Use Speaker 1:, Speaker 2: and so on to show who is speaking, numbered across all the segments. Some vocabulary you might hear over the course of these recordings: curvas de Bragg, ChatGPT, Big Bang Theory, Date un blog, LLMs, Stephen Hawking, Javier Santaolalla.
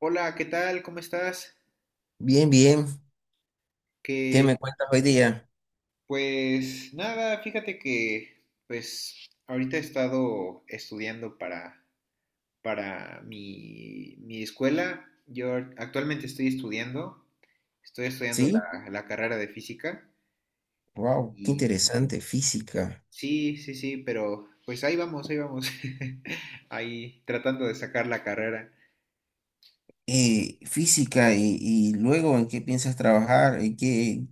Speaker 1: Hola, ¿qué tal? ¿Cómo estás?
Speaker 2: Bien, bien. ¿Qué
Speaker 1: Que
Speaker 2: me cuentas hoy día?
Speaker 1: pues nada, fíjate que pues ahorita he estado estudiando para mi escuela. Actualmente estoy estudiando
Speaker 2: ¿Sí?
Speaker 1: la carrera de física
Speaker 2: Wow, qué
Speaker 1: y
Speaker 2: interesante. Física.
Speaker 1: sí, sí, sí, pero pues ahí vamos, ahí vamos. Ahí tratando de sacar la carrera.
Speaker 2: Física y luego en qué piensas trabajar, en qué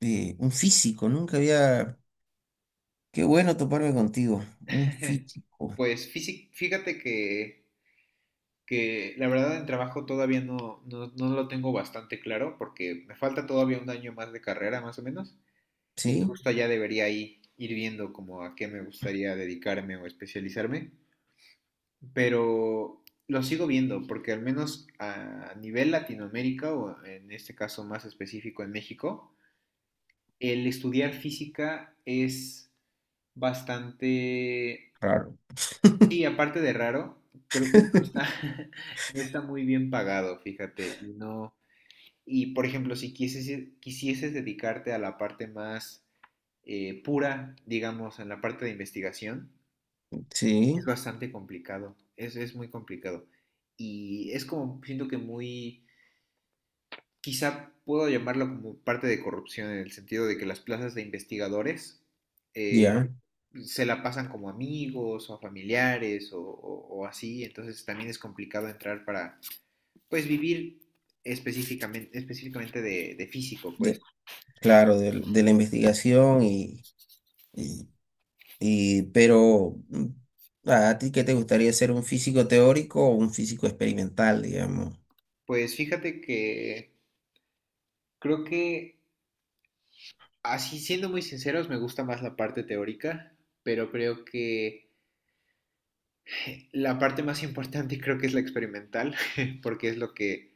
Speaker 2: un físico, nunca había. Qué bueno toparme contigo. Un físico.
Speaker 1: Fíjate que la verdad en trabajo todavía no, no, no lo tengo bastante claro porque me falta todavía un año más de carrera más o menos, y
Speaker 2: ¿Sí?
Speaker 1: justo ya debería ahí ir viendo como a qué me gustaría dedicarme o especializarme, pero lo sigo viendo porque al menos a nivel Latinoamérica o en este caso más específico en México, el estudiar física es bastante,
Speaker 2: Claro.
Speaker 1: y aparte de raro, creo que no está, no está muy bien pagado, fíjate, y no. Y por ejemplo, si quisieses dedicarte a la parte más pura, digamos, en la parte de investigación, es
Speaker 2: Sí,
Speaker 1: bastante complicado, es muy complicado. Y es como, siento que muy, quizá puedo llamarlo como parte de corrupción, en el sentido de que las plazas de investigadores eh,
Speaker 2: ya.
Speaker 1: se la pasan como amigos o a familiares o, o así, entonces también es complicado entrar para, pues, vivir específicamente de físico, pues.
Speaker 2: De- claro, de la investigación y, y, ¿a ti qué te gustaría ser un físico teórico o un físico experimental, digamos?
Speaker 1: Pues fíjate que creo que, así siendo muy sinceros, me gusta más la parte teórica, pero creo que la parte más importante creo que es la experimental, porque es lo que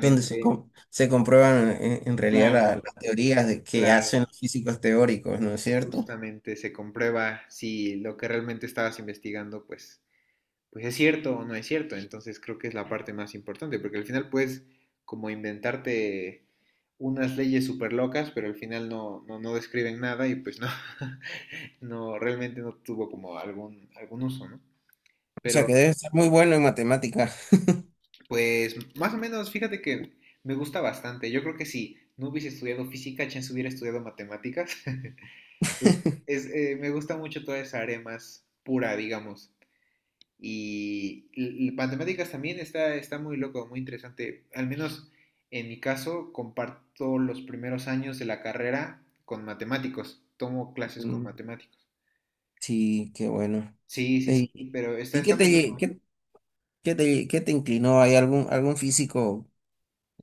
Speaker 2: Donde se comprueban en realidad
Speaker 1: claro,
Speaker 2: las teorías de que hacen
Speaker 1: claro,
Speaker 2: los físicos teóricos, ¿no es cierto?
Speaker 1: justamente se comprueba si lo que realmente estabas investigando, pues, pues es cierto o no es cierto. Entonces creo que es la parte más importante, porque al final puedes como inventarte unas leyes súper locas, pero al final no, no, no describen nada y pues no. No, realmente no tuvo como algún, algún uso, ¿no?
Speaker 2: O sea,
Speaker 1: Pero
Speaker 2: que debe ser muy bueno en matemáticas.
Speaker 1: pues más o menos, fíjate que me gusta bastante. Yo creo que si no hubiese estudiado física, chance hubiera estudiado matemáticas. Es, es, me gusta mucho toda esa área más pura, digamos. Y matemáticas también está, está muy loco, muy interesante. Al menos en mi caso, comparto los primeros años de la carrera con matemáticos. Tomo clases con
Speaker 2: Mm,
Speaker 1: matemáticos.
Speaker 2: sí, qué bueno.
Speaker 1: Sí, sí, sí,
Speaker 2: Eh,
Speaker 1: pero está,
Speaker 2: ¿Y
Speaker 1: está
Speaker 2: qué te,
Speaker 1: muy
Speaker 2: lle-
Speaker 1: loco.
Speaker 2: qué, qué te inclinó? ¿Hay algún físico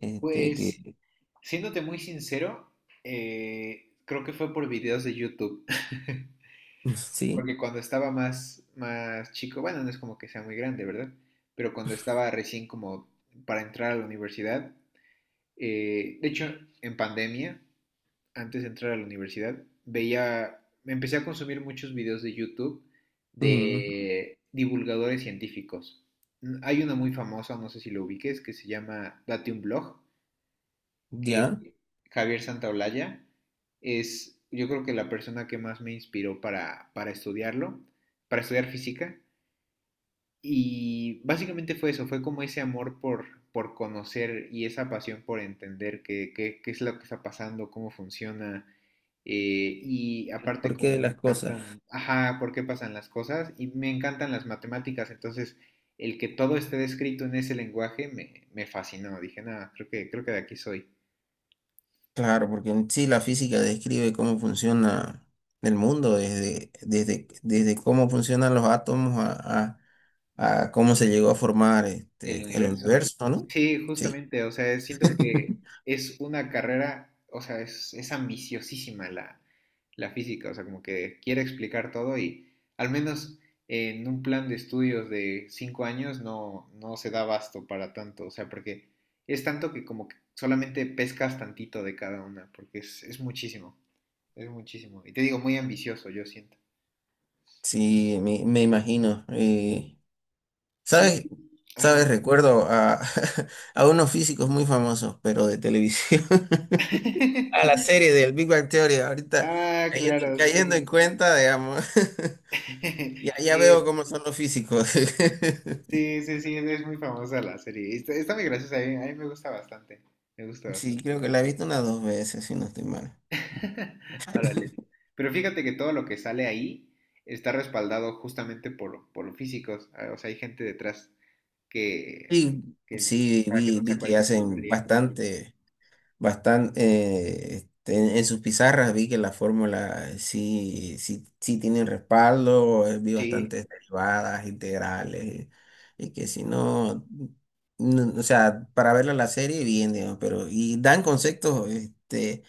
Speaker 2: este,
Speaker 1: Pues
Speaker 2: que...
Speaker 1: Siéndote muy sincero, creo que fue por videos de YouTube.
Speaker 2: Sí.
Speaker 1: Porque cuando estaba más, más chico, bueno, no es como que sea muy grande, ¿verdad? Pero cuando estaba recién como para entrar a la universidad, de hecho, en pandemia, antes de entrar a la universidad, veía, me empecé a consumir muchos videos de YouTube
Speaker 2: Mm,
Speaker 1: de divulgadores científicos. Hay una muy famosa, no sé si lo ubiques, que se llama Date un blog que
Speaker 2: ya.
Speaker 1: Javier Santaolalla es, yo creo que la persona que más me inspiró para estudiarlo, para estudiar física. Y básicamente fue eso, fue como ese amor por conocer y esa pasión por entender qué, qué, qué es lo que está pasando, cómo funciona. Y aparte
Speaker 2: ¿Por qué
Speaker 1: como
Speaker 2: de
Speaker 1: me
Speaker 2: las cosas?
Speaker 1: encantan, ajá, por qué pasan las cosas y me encantan las matemáticas, entonces el que todo esté descrito en ese lenguaje me, me fascinó, dije, nada, creo que de aquí soy.
Speaker 2: Claro, porque en sí la física describe cómo funciona el mundo, desde cómo funcionan los átomos a, a- a cómo se llegó a formar
Speaker 1: El
Speaker 2: este, el
Speaker 1: universo.
Speaker 2: universo, ¿no?
Speaker 1: Sí,
Speaker 2: Sí.
Speaker 1: justamente, o sea, siento que es una carrera, o sea, es ambiciosísima la, la física, o sea, como que quiere explicar todo y al menos en un plan de estudios de 5 años no, no se da abasto para tanto, o sea, porque es tanto que como que solamente pescas tantito de cada una, porque es muchísimo, es muchísimo. Y te digo, muy ambicioso, yo siento.
Speaker 2: Sí, me imagino.
Speaker 1: Sí,
Speaker 2: ¿Sabes?
Speaker 1: ajá.
Speaker 2: ¿Sabes? Recuerdo a, a unos físicos muy famosos, pero de televisión. A la serie del Big Bang Theory, ahorita
Speaker 1: Ah, claro,
Speaker 2: cayendo
Speaker 1: sí.
Speaker 2: en cuenta, digamos. Ya, ya veo
Speaker 1: Sí,
Speaker 2: cómo son los físicos.
Speaker 1: sí, sí, sí, es muy famosa la serie. Está, está muy graciosa, a mí me gusta bastante. Me gusta
Speaker 2: Sí,
Speaker 1: bastante.
Speaker 2: creo que la he visto unas dos veces, si no estoy mal.
Speaker 1: Órale. Pero fíjate que todo lo que sale ahí está respaldado justamente por físicos. O sea, hay gente detrás que,
Speaker 2: Sí,
Speaker 1: que
Speaker 2: sí,
Speaker 1: para que no
Speaker 2: vi
Speaker 1: sea
Speaker 2: que
Speaker 1: cualquier
Speaker 2: hacen
Speaker 1: tontería, ¿no?
Speaker 2: bastante, en sus pizarras vi que la fórmula sí tienen respaldo. Eh, vi
Speaker 1: Sí,
Speaker 2: bastantes derivadas, integrales, y que si no, no, o sea, para verla la serie, bien, digamos, pero, y dan conceptos, este,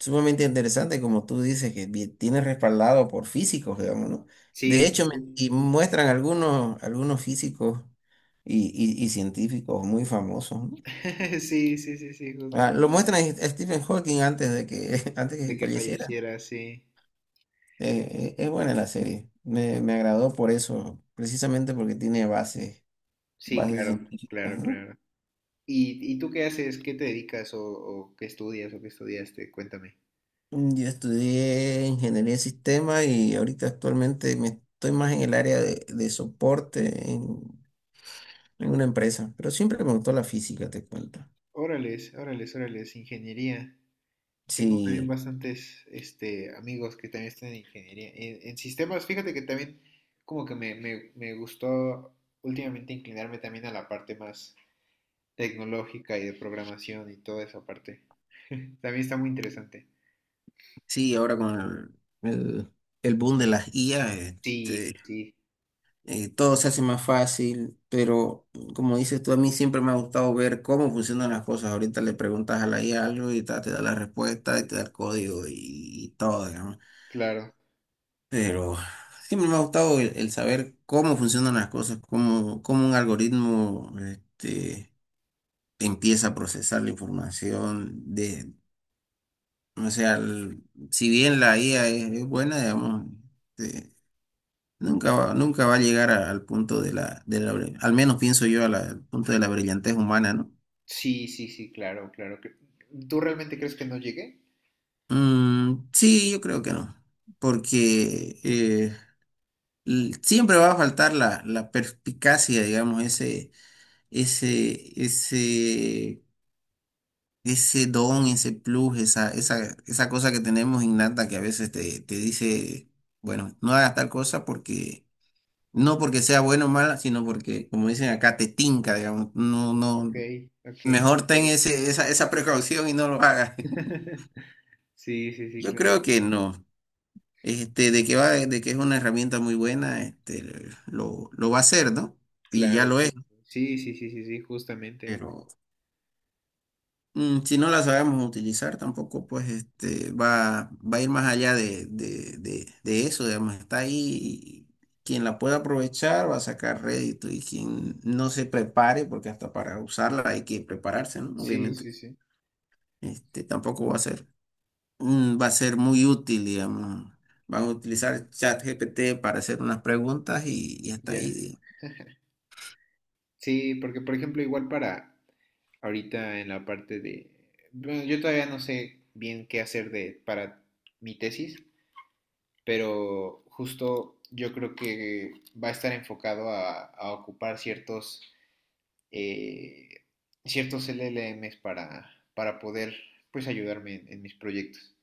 Speaker 2: sumamente interesante, como tú dices, que tiene respaldado por físicos, digamos, ¿no? De
Speaker 1: sí, sí,
Speaker 2: hecho,
Speaker 1: sí.
Speaker 2: y muestran algunos físicos y y científicos muy famosos, ¿no?
Speaker 1: Sí, sí, sí, sí,
Speaker 2: Ah,
Speaker 1: justamente.
Speaker 2: lo muestran a Stephen Hawking antes de que, antes
Speaker 1: De
Speaker 2: que
Speaker 1: que
Speaker 2: falleciera.
Speaker 1: falleciera, sí.
Speaker 2: Es buena la serie. Me agradó por eso, precisamente porque tiene
Speaker 1: Sí,
Speaker 2: bases
Speaker 1: claro,
Speaker 2: científicas,
Speaker 1: claro,
Speaker 2: ¿no?
Speaker 1: claro. Y tú qué haces? ¿Qué te dedicas o qué estudias o qué estudiaste? Cuéntame.
Speaker 2: Mm, yo estudié ingeniería de sistemas y ahorita actualmente me estoy más en el área de soporte, en una empresa, pero siempre me gustó la física, te cuento.
Speaker 1: Órales, órales, órales, ingeniería. Tengo también
Speaker 2: Sí,
Speaker 1: bastantes este, amigos que también están en ingeniería. En sistemas, fíjate que también como que me gustó últimamente inclinarme también a la parte más tecnológica y de programación y toda esa parte. También está muy interesante.
Speaker 2: sí, ahora con el boom de las IA,
Speaker 1: Sí, sí,
Speaker 2: este,
Speaker 1: sí,
Speaker 2: todo se hace más fácil, pero como dices tú, a mí siempre me ha gustado ver cómo funcionan las cosas. Ahorita le preguntas a la IA algo y te da la respuesta y te da el código y todo, digamos.
Speaker 1: claro.
Speaker 2: Pero siempre me ha gustado el saber cómo funcionan las cosas, cómo un algoritmo, este, empieza a procesar la información, de, o sea, si bien la IA es buena, digamos, este, nunca va a llegar al punto de la, al menos pienso yo, a al punto de la brillantez humana, ¿no?
Speaker 1: Sí, sí, sí, claro, claro. ¿Tú realmente crees que no llegué?
Speaker 2: Mm, sí, yo creo que no, porque siempre va a faltar la perspicacia, digamos, ese, ese, ese don, ese plus, esa cosa que tenemos innata que a veces te dice, bueno, no hagas tal cosa porque no porque sea bueno o mala, sino porque, como dicen acá, te tinca, digamos. No,
Speaker 1: Ok,
Speaker 2: no.
Speaker 1: ok.
Speaker 2: Mejor ten esa precaución y no lo hagas.
Speaker 1: Sí, sí, sí,
Speaker 2: Yo
Speaker 1: claro,
Speaker 2: creo que
Speaker 1: claro.
Speaker 2: no. Este, de que es una herramienta muy buena, este, lo va a hacer, ¿no? Y ya
Speaker 1: Claro
Speaker 2: lo
Speaker 1: que sí.
Speaker 2: es,
Speaker 1: Sí, sí, sí, sí, sí, justamente.
Speaker 2: pero mm, si no la sabemos utilizar, tampoco pues este va a ir más allá de, de eso, digamos, está ahí y quien la pueda aprovechar va a sacar rédito y quien no se prepare, porque hasta para usarla hay que prepararse, ¿no?
Speaker 1: Sí,
Speaker 2: Obviamente,
Speaker 1: sí, sí,
Speaker 2: este tampoco va a ser, mm, va a ser muy útil, digamos. Van a utilizar ChatGPT para hacer unas preguntas y hasta
Speaker 1: ya.
Speaker 2: ahí,
Speaker 1: Sí, porque por ejemplo, igual para ahorita en la parte de... Bueno, yo todavía no sé bien qué hacer de, para mi tesis, pero justo yo creo que va a estar enfocado a ocupar ciertos, eh, ciertos LLMs para poder, pues, ayudarme en mis proyectos.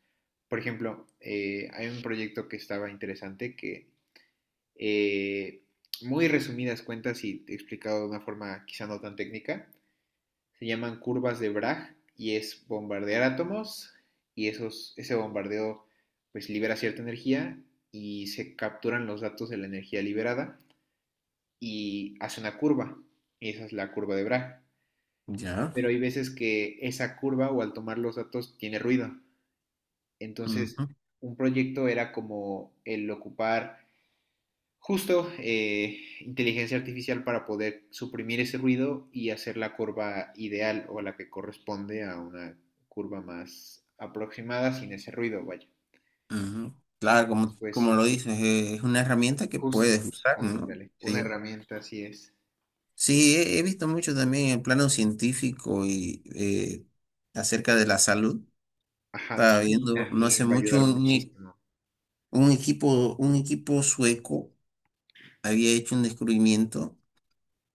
Speaker 1: Por ejemplo, hay un proyecto que estaba interesante que eh, muy resumidas cuentas y explicado de una forma quizá no tan técnica. Se llaman curvas de Bragg y es bombardear átomos y esos, ese bombardeo pues libera cierta energía y se capturan los datos de la energía liberada y hace una curva y esa es la curva de Bragg.
Speaker 2: digamos.
Speaker 1: Pero
Speaker 2: Ya.
Speaker 1: hay veces que esa curva o al tomar los datos tiene ruido. Entonces,
Speaker 2: Ujú,
Speaker 1: un proyecto era como el ocupar justo inteligencia artificial para poder suprimir ese ruido y hacer la curva ideal o la que corresponde a una curva más aproximada sin ese ruido, vaya.
Speaker 2: ujú. Claro,
Speaker 1: Entonces,
Speaker 2: como,
Speaker 1: pues
Speaker 2: como lo dices, es una herramienta que
Speaker 1: justo,
Speaker 2: puedes usar, ¿no?
Speaker 1: ándale, una
Speaker 2: Sí.
Speaker 1: herramienta así es.
Speaker 2: Sí, he visto mucho también en plano científico y acerca de la salud.
Speaker 1: Ajá,
Speaker 2: Estaba
Speaker 1: sí,
Speaker 2: viendo no hace
Speaker 1: también va a
Speaker 2: mucho
Speaker 1: ayudar muchísimo.
Speaker 2: un equipo sueco había hecho un descubrimiento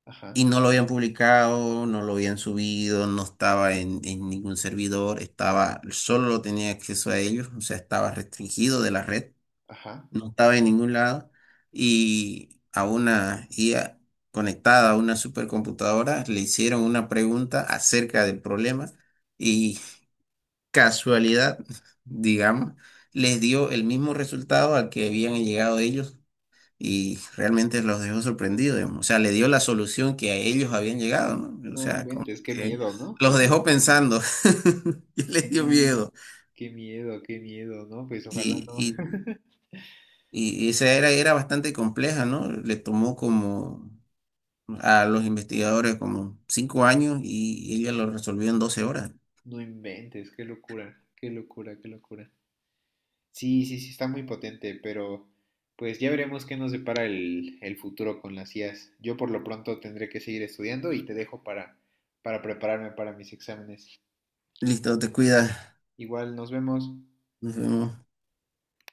Speaker 1: Ajá,
Speaker 2: y no lo habían publicado, no lo habían subido, no estaba en ningún servidor, estaba, solo lo tenía acceso a ellos, o sea, estaba restringido de la red.
Speaker 1: ajá.
Speaker 2: No estaba en ningún lado, y a una IA conectada a una supercomputadora le hicieron una pregunta acerca del problema y casualidad, digamos, les dio el mismo resultado al que habían llegado ellos y realmente los dejó sorprendidos, digamos. O sea, le dio la solución que a ellos habían llegado, ¿no? O
Speaker 1: No
Speaker 2: sea, como
Speaker 1: inventes, qué
Speaker 2: que
Speaker 1: miedo, ¿no?
Speaker 2: los dejó pensando y les
Speaker 1: Sí,
Speaker 2: dio miedo.
Speaker 1: qué miedo, ¿no? Pues ojalá
Speaker 2: Y,
Speaker 1: no.
Speaker 2: y, y esa era bastante compleja, ¿no? Le tomó como a los investigadores como 5 años y ella lo resolvió en 12 horas.
Speaker 1: No inventes, qué locura, qué locura, qué locura. Sí, sí, sí, está muy potente, pero pues ya veremos qué nos depara el futuro con las IAs. Yo por lo pronto tendré que seguir estudiando y te dejo para prepararme para mis exámenes.
Speaker 2: Listo, te cuidas.
Speaker 1: Igual nos vemos.
Speaker 2: Nos vemos.